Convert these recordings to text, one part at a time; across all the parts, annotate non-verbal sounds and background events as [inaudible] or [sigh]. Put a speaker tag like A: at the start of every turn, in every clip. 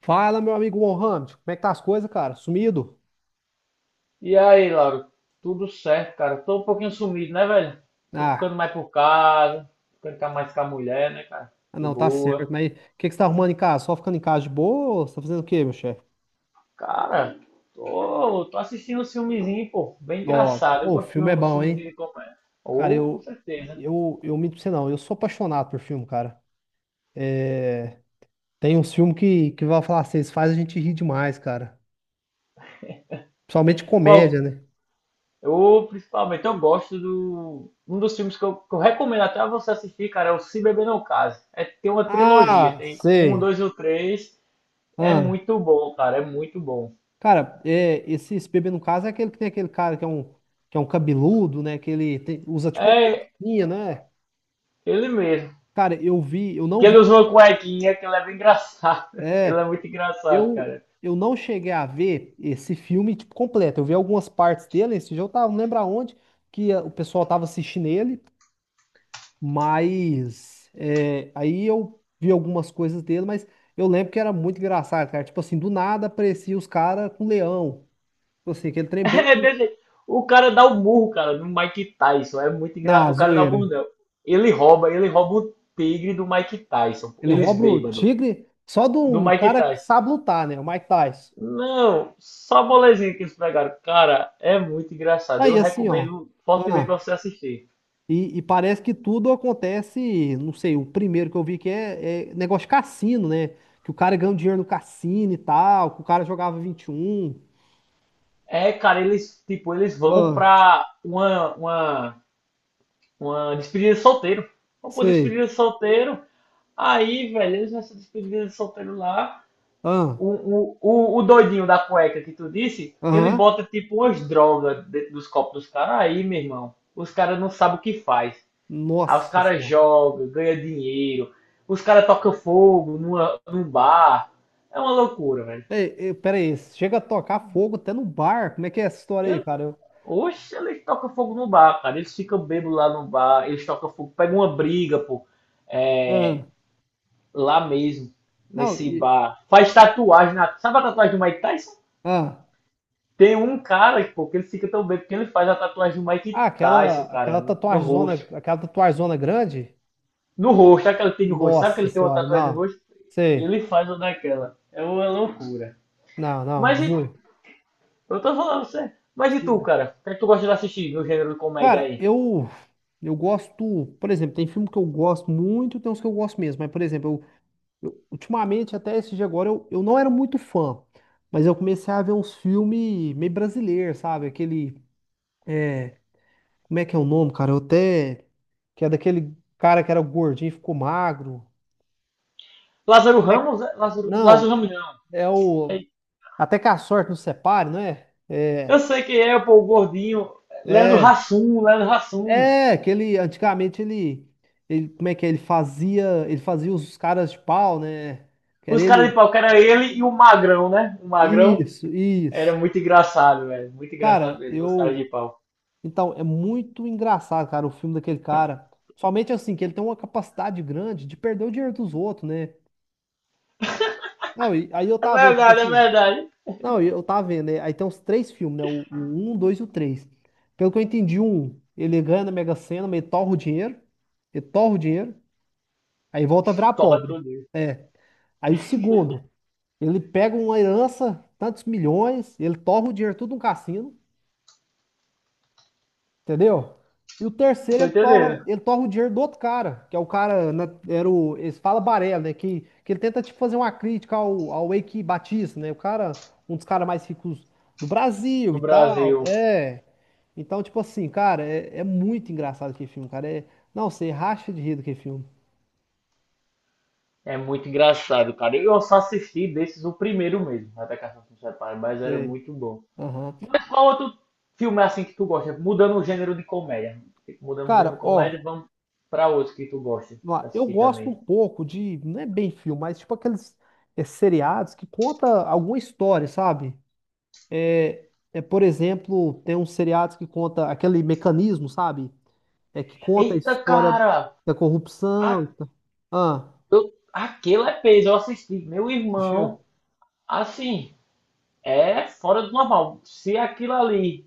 A: Fala, meu amigo Mohamed, como é que tá as coisas, cara? Sumido?
B: E aí, Lauro? Tudo certo, cara. Tô um pouquinho sumido, né, velho? Tô
A: Ah,
B: ficando mais por casa, mais com a mulher, né, cara? De
A: não, tá
B: boa.
A: certo, mas o que que você tá arrumando em casa? Só ficando em casa de boa? Ou você tá fazendo o quê, meu chefe?
B: Cara, tô assistindo um filmezinho, pô, bem
A: Ó,
B: engraçado. Eu
A: ô, o
B: gosto de
A: filme é
B: um
A: bom,
B: filmezinho
A: hein?
B: de comédia.
A: Cara,
B: Ou, com certeza.
A: eu minto pra você não, eu sou apaixonado por filme, cara. Tem uns filmes que vai falar assim, eles faz a gente rir demais, cara. Principalmente
B: Qual?
A: comédia, né?
B: Ou, principalmente, eu gosto do... Um dos filmes que eu recomendo até você assistir, cara, é o Se Beber Não Case. É, tem uma trilogia,
A: Ah,
B: tem um,
A: sei.
B: dois ou três. É
A: Ah,
B: muito bom, cara, é muito bom.
A: cara, esse bebê no caso é aquele que tem aquele cara que é um cabeludo, né? Que ele usa tipo uma
B: É,
A: coisinha, né?
B: ele mesmo.
A: Cara, eu vi, eu não
B: Que
A: vi.
B: ele usou uma cuequinha, que ele é bem engraçado. [laughs] Ele é
A: É,
B: muito engraçado,
A: eu,
B: cara.
A: eu não cheguei a ver esse filme tipo, completo. Eu vi algumas partes dele, esse dia eu tava, não lembro aonde, que o pessoal tava assistindo ele, mas aí eu vi algumas coisas dele, mas eu lembro que era muito engraçado, cara. Tipo assim, do nada aparecia os caras com leão. Tipo assim, aquele trem bem
B: [laughs] É desse- O cara dá o burro, cara, no Mike Tyson. É muito engraçado.
A: na
B: O cara dá o
A: zoeira.
B: burro, não. Ele rouba o tigre do Mike Tyson.
A: Ele
B: Eles
A: rouba o
B: bêbados.
A: tigre só de
B: Do
A: um
B: Mike
A: cara que
B: Tyson.
A: sabe lutar, né? O Mike Tyson.
B: Não, só bolezinha que eles pegaram. Cara, é muito engraçado.
A: Aí
B: Eu
A: assim, ó.
B: recomendo fortemente pra
A: Ah.
B: você assistir.
A: E parece que tudo acontece, não sei, o primeiro que eu vi que é negócio de cassino, né? Que o cara ganha um dinheiro no cassino e tal, que o cara jogava 21.
B: É, cara, eles, tipo, eles vão
A: Ah,
B: pra uma despedida de solteiro. Vão pra
A: sei.
B: despedida de solteiro. Aí, velho, eles nessa despedida de solteiro lá,
A: Ah,
B: o doidinho da cueca que tu disse, ele
A: aham.
B: bota tipo umas drogas dentro dos copos dos caras. Aí, meu irmão, os caras não sabem o que faz. Aí os
A: Nossa
B: caras
A: senhora.
B: jogam, ganham dinheiro, os caras tocam fogo num bar. É uma loucura, velho.
A: Ei, ei, pera aí, chega a tocar fogo até no bar. Como é que é essa história aí,
B: Eu,
A: cara?
B: oxe, eles tocam fogo no bar, cara. Eles ficam bêbados lá no bar, eles tocam fogo, pegam uma briga, pô. É,
A: Ah,
B: lá mesmo,
A: não,
B: nesse bar. Faz tatuagem na. Sabe a tatuagem do Mike Tyson?
A: ah,
B: Tem um cara, pô, que ele fica tão bem, porque ele faz a tatuagem do
A: ah,
B: Mike Tyson,
A: aquela,
B: cara,
A: aquela
B: no
A: tatuagem
B: rosto.
A: aquela tatuagem grande?
B: No rosto, aquela que tem no rosto? Sabe que
A: Nossa
B: ele tem uma
A: senhora,
B: tatuagem no
A: não.
B: rosto?
A: Sei.
B: Ele faz uma daquela. É uma loucura.
A: Não, não,
B: Mas e,
A: Zui.
B: eu tô falando sério. Mas e tu, cara? O que é que tu gosta de assistir no gênero de comédia
A: Cara,
B: aí?
A: eu gosto, por exemplo, tem filme que eu gosto muito, tem uns que eu gosto mesmo, mas por exemplo, ultimamente até esse dia agora eu não era muito fã, mas eu comecei a ver uns filmes meio brasileiros, sabe? Aquele é, como é que é o nome, cara? Eu até que é daquele cara que era gordinho e ficou magro.
B: Lázaro Ramos? É? Lázaro, Lázaro
A: Não,
B: Ramos não.
A: é o
B: É-
A: Até que a Sorte nos Separe, não é?
B: Eu
A: É,
B: sei que é, pô, o gordinho. Leandro
A: é.
B: Hassum, Leandro Hassum.
A: É, que ele antigamente ele como é que é? Ele fazia os caras de pau, né? Que era
B: Os caras
A: ele.
B: de pau, que era ele e o Magrão, né? O Magrão
A: Isso,
B: era
A: isso.
B: muito engraçado, velho. Muito engraçado
A: Cara,
B: mesmo, os caras de
A: eu
B: pau.
A: então é muito engraçado, cara, o filme daquele cara. Somente assim que ele tem uma capacidade grande de perder o dinheiro dos outros, né? Não, e aí eu
B: É
A: tava vendo, tipo
B: verdade, é
A: assim,
B: verdade.
A: não, e eu tava vendo, né? Aí tem uns três filmes, né? O um, dois e o três. Pelo que eu entendi, o um, ele ganha na Mega Sena, mas ele torra o dinheiro, aí volta a virar
B: Torra
A: pobre.
B: tudo isso.
A: É. Aí o segundo, ele pega uma herança, tantos milhões, ele torra o dinheiro tudo no cassino, entendeu? E o terceiro,
B: Tô entendendo.
A: ele torra o dinheiro do outro cara, que é o cara, né, era o, eles falam Barela, né? Que ele tenta, tipo, fazer uma crítica ao Eike Batista, né? O cara, um dos caras mais ricos do Brasil
B: Do
A: e tal,
B: Brasil.
A: é. Então, tipo assim, cara, é muito engraçado aquele filme, cara. Não, você racha de rir do que filme.
B: É muito engraçado, cara. Eu só assisti desses o primeiro mesmo, até Caça se Separe, mas era
A: É,
B: muito bom.
A: aham.
B: Mas qual outro filme é assim que tu gosta? Mudando o gênero de comédia. Mudando o gênero de
A: Cara,
B: comédia,
A: ó.
B: vamos pra outro que tu gosta
A: Vamos
B: de
A: lá. Eu
B: assistir
A: gosto um
B: também.
A: pouco de, não é bem filme, mas tipo aqueles, seriados que conta alguma história, sabe? Por exemplo, tem uns seriados que conta aquele mecanismo, sabe? É que conta a
B: Eita,
A: história
B: cara!
A: da corrupção.
B: A,
A: Tá? Ah,
B: aquele é peso, eu assisti. Meu irmão,
A: assistiu?
B: assim, é fora do normal. Se aquilo ali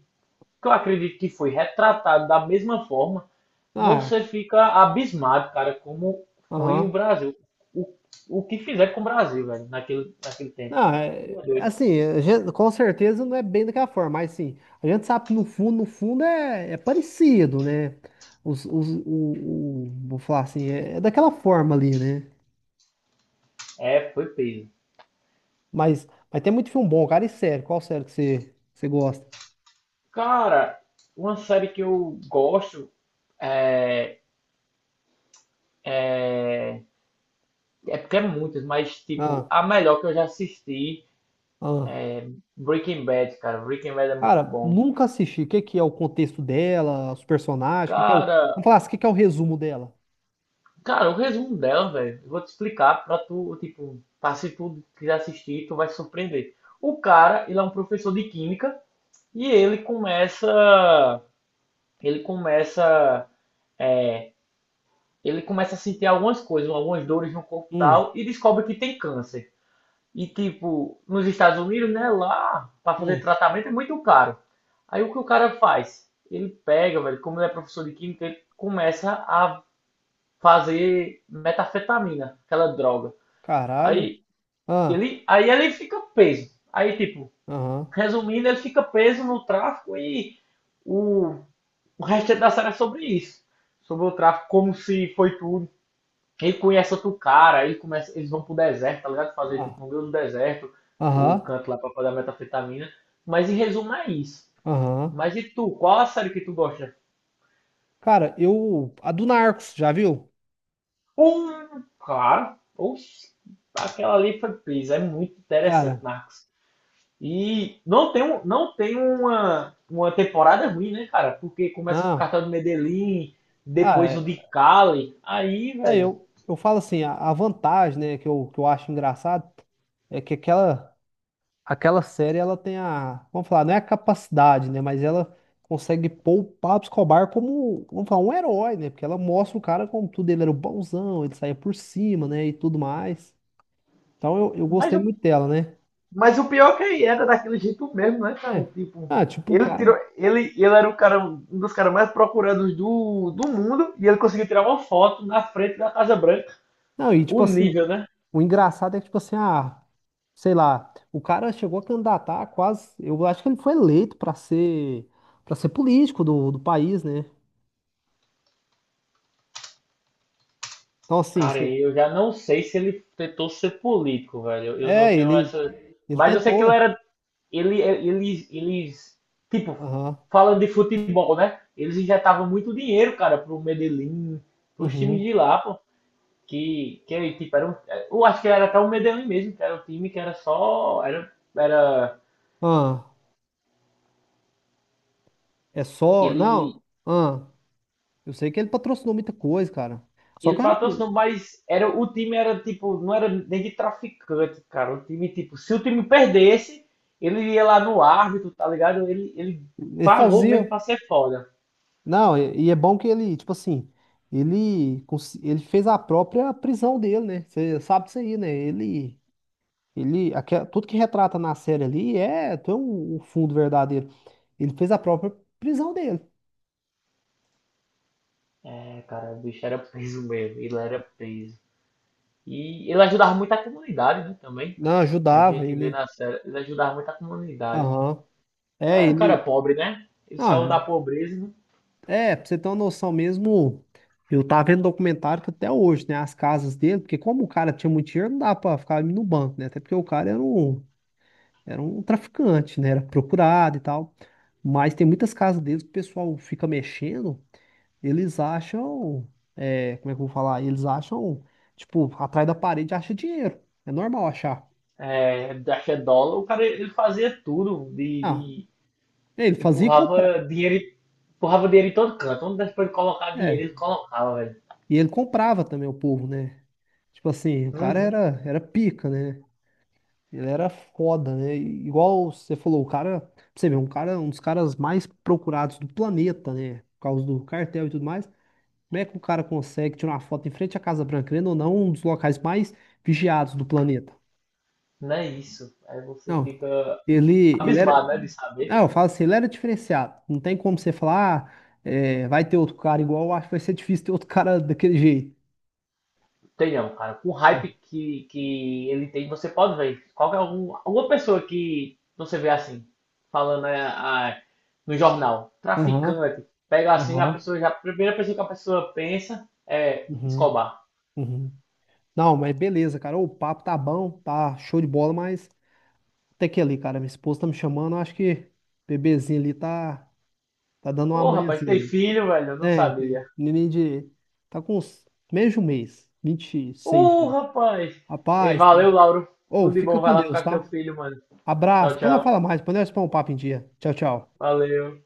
B: que eu acredito que foi retratado da mesma forma,
A: Ah,
B: você fica abismado, cara, como foi o
A: aham.
B: Brasil. O, o que fizeram com o Brasil, velho, naquele tempo.
A: Ah, é-
B: Tu é doido.
A: assim, a gente- com certeza não é bem daquela forma, mas sim, a gente sabe que no fundo, no fundo é parecido, né? Os, o- vou falar assim, é é daquela forma ali, né?
B: É, foi peso.
A: Mas tem muito filme bom, cara. E sério, qual sério que você gosta?
B: Cara, uma série que eu gosto é, é, é porque é muitas, mas tipo,
A: Ah,
B: a melhor que eu já assisti
A: ah.
B: é Breaking Bad, cara. Breaking Bad é muito
A: Cara,
B: bom.
A: nunca assisti. O que que é o contexto dela, os personagens, o que que é o...
B: Cara,
A: Vamos falar assim, o que que é o resumo dela?
B: Cara, o resumo dela, velho, eu vou te explicar pra tu, tipo, pra se tu quiser assistir, tu vai se surpreender. O cara, ele é um professor de química e ele começa, é, ele começa a sentir algumas coisas, algumas dores no corpo e
A: Hum,
B: tal e descobre que tem câncer. E tipo, nos Estados Unidos, né, lá pra fazer
A: hum,
B: tratamento é muito caro. Aí o que o cara faz? Ele pega, velho, como ele é professor de química, ele começa a fazer metanfetamina, aquela droga.
A: caralho.
B: Aí
A: Ah,
B: aí ele fica preso. Aí, tipo,
A: aham,
B: resumindo, ele fica preso no tráfico e o, o resto da série é sobre isso. Sobre o tráfico, como se foi tudo. Ele conhece outro cara, ele começa, eles vão pro deserto, tá ligado? Fazer tipo
A: ah,
B: no meio do deserto, o
A: aham,
B: canto lá pra pagar metafetamina. Mas em resumo é isso.
A: aham.
B: Mas e tu, qual a série que tu gosta?
A: Cara, a do Narcos, já viu?
B: Um, claro. Oxi, aquela ali foi presa. É muito interessante,
A: Cara,
B: Marcos. E não tem, um- não tem uma temporada ruim, né, cara? Porque começa com o
A: ah,
B: cartão do Medellín,
A: ah,
B: depois o de
A: é-
B: Cali. Aí, velho.
A: eu falo assim, a vantagem, né, que que eu acho engraçado é que aquela... Aquela série ela tem a, vamos falar, não é a capacidade, né? Mas ela consegue pôr o Pablo Escobar como, vamos falar, um herói, né? Porque ela mostra o cara como tudo, ele era o bonzão, ele saía por cima, né? E tudo mais. Então eu
B: Mas
A: gostei
B: o,
A: muito dela, né?
B: mas o pior é que ele era daquele jeito mesmo, né, cara?
A: É.
B: Tipo,
A: Ah, tipo, o
B: ele tirou.
A: cara.
B: Ele era o cara, um dos caras mais procurados do mundo e ele conseguiu tirar uma foto na frente da Casa Branca.
A: Não, e
B: O
A: tipo assim,
B: nível, né?
A: o engraçado é que, tipo assim, ah, sei lá, o cara chegou a candidatar quase. Eu acho que ele foi eleito pra ser para ser político do país, né? Então, assim,
B: Cara,
A: cê-
B: eu já não sei se ele tentou ser político, velho. Eu não
A: é,
B: tenho essa.
A: ele
B: Mas eu sei que ele
A: tentou.
B: era ele, é, eles, tipo,
A: Aham.
B: falando de futebol, né? Eles injetavam muito dinheiro, cara, pro Medellín, pros times
A: Uhum.
B: de lá, pô. Que tipo, era um, eu acho que era até o Medellín mesmo, que era um time que era só, era, era,
A: Ah, é só.
B: ele,
A: Não, ah, eu sei que ele patrocinou muita coisa, cara. Só
B: ele
A: que ah,
B: patrocinou, mas era, o time era, tipo, não era nem de traficante, cara. O time, tipo, se o time perdesse, ele ia lá no árbitro, tá ligado? Ele
A: ele
B: pagou
A: fazia.
B: mesmo pra ser foda.
A: Não, e é bom que ele, tipo assim, ele fez a própria prisão dele, né? Você sabe disso aí, né? Tudo que retrata na série ali tem um fundo verdadeiro. Ele fez a própria prisão dele.
B: É, cara, o bicho era preso mesmo, ele era preso. E ele ajudava muito a comunidade, né, também.
A: Não,
B: A
A: ajudava
B: gente vê
A: ele.
B: na série, ele ajudava muito a comunidade.
A: Aham.
B: Ele
A: É,
B: era um cara
A: ele.
B: pobre, né? Ele
A: Ah,
B: saiu da
A: é.
B: pobreza, né?
A: É, pra você ter uma noção mesmo, eu tava vendo documentário que até hoje, né? As casas dele, porque como o cara tinha muito dinheiro, não dava pra ficar no banco, né? Até porque o cara era um traficante, né? Era procurado e tal. Mas tem muitas casas deles que o pessoal fica mexendo, eles acham, é, como é que eu vou falar? Eles acham, tipo, atrás da parede acha dinheiro. É normal achar.
B: É, da fé dólar. O cara, ele fazia tudo,
A: Ah, ele
B: de-
A: fazia e comprava.
B: empurrava dinheiro, empurrava dinheiro em todo canto. Onde desse pra ele colocar dinheiro,
A: É,
B: ele colocava, velho.
A: e ele comprava também o povo, né? Tipo assim, o cara
B: Uhum.
A: era, era pica, né? Ele era foda, né? E igual você falou, o cara, pra você ver, um cara, um dos caras mais procurados do planeta, né? Por causa do cartel e tudo mais. Como é que o cara consegue tirar uma foto em frente à Casa Branca, querendo ou não, um dos locais mais vigiados do planeta?
B: Não é isso. Aí você
A: Não,
B: fica
A: ele era.
B: abismado, né, de saber.
A: Não, eu falo assim, ele era diferenciado. Não tem como você falar, ah, é, vai ter outro cara igual, eu acho que vai ser difícil ter outro cara daquele jeito.
B: Tem não, cara. Com o hype que ele tem, você pode ver. Qualquer alguma pessoa que você vê assim, falando é, a- no jornal,
A: Aham,
B: traficante, pega assim, a
A: aham,
B: pessoa já, a primeira pessoa que a pessoa pensa é
A: uhum,
B: Escobar.
A: uhum. Não, mas beleza, cara. O papo tá bom, tá show de bola, mas. Até que ali, cara, minha esposa tá me chamando, acho que o bebezinho ali tá, tá dando uma
B: Ô, rapaz,
A: manhãzinha
B: tem
A: ali.
B: filho, velho? Eu não
A: Tem, tem.
B: sabia.
A: Neném de. Tá com uns meio de um mês, vinte e seis
B: Ô,
A: dias.
B: rapaz! E
A: Rapaz, tá...
B: valeu, Lauro.
A: Ô,
B: Tudo de
A: fica
B: bom, vai
A: com
B: lá
A: Deus,
B: ficar com teu
A: tá?
B: filho, mano.
A: Abraço.
B: Tchau,
A: Depois nós
B: tchau.
A: fala mais, depois nós põe um papo em dia. Tchau, tchau.
B: Valeu.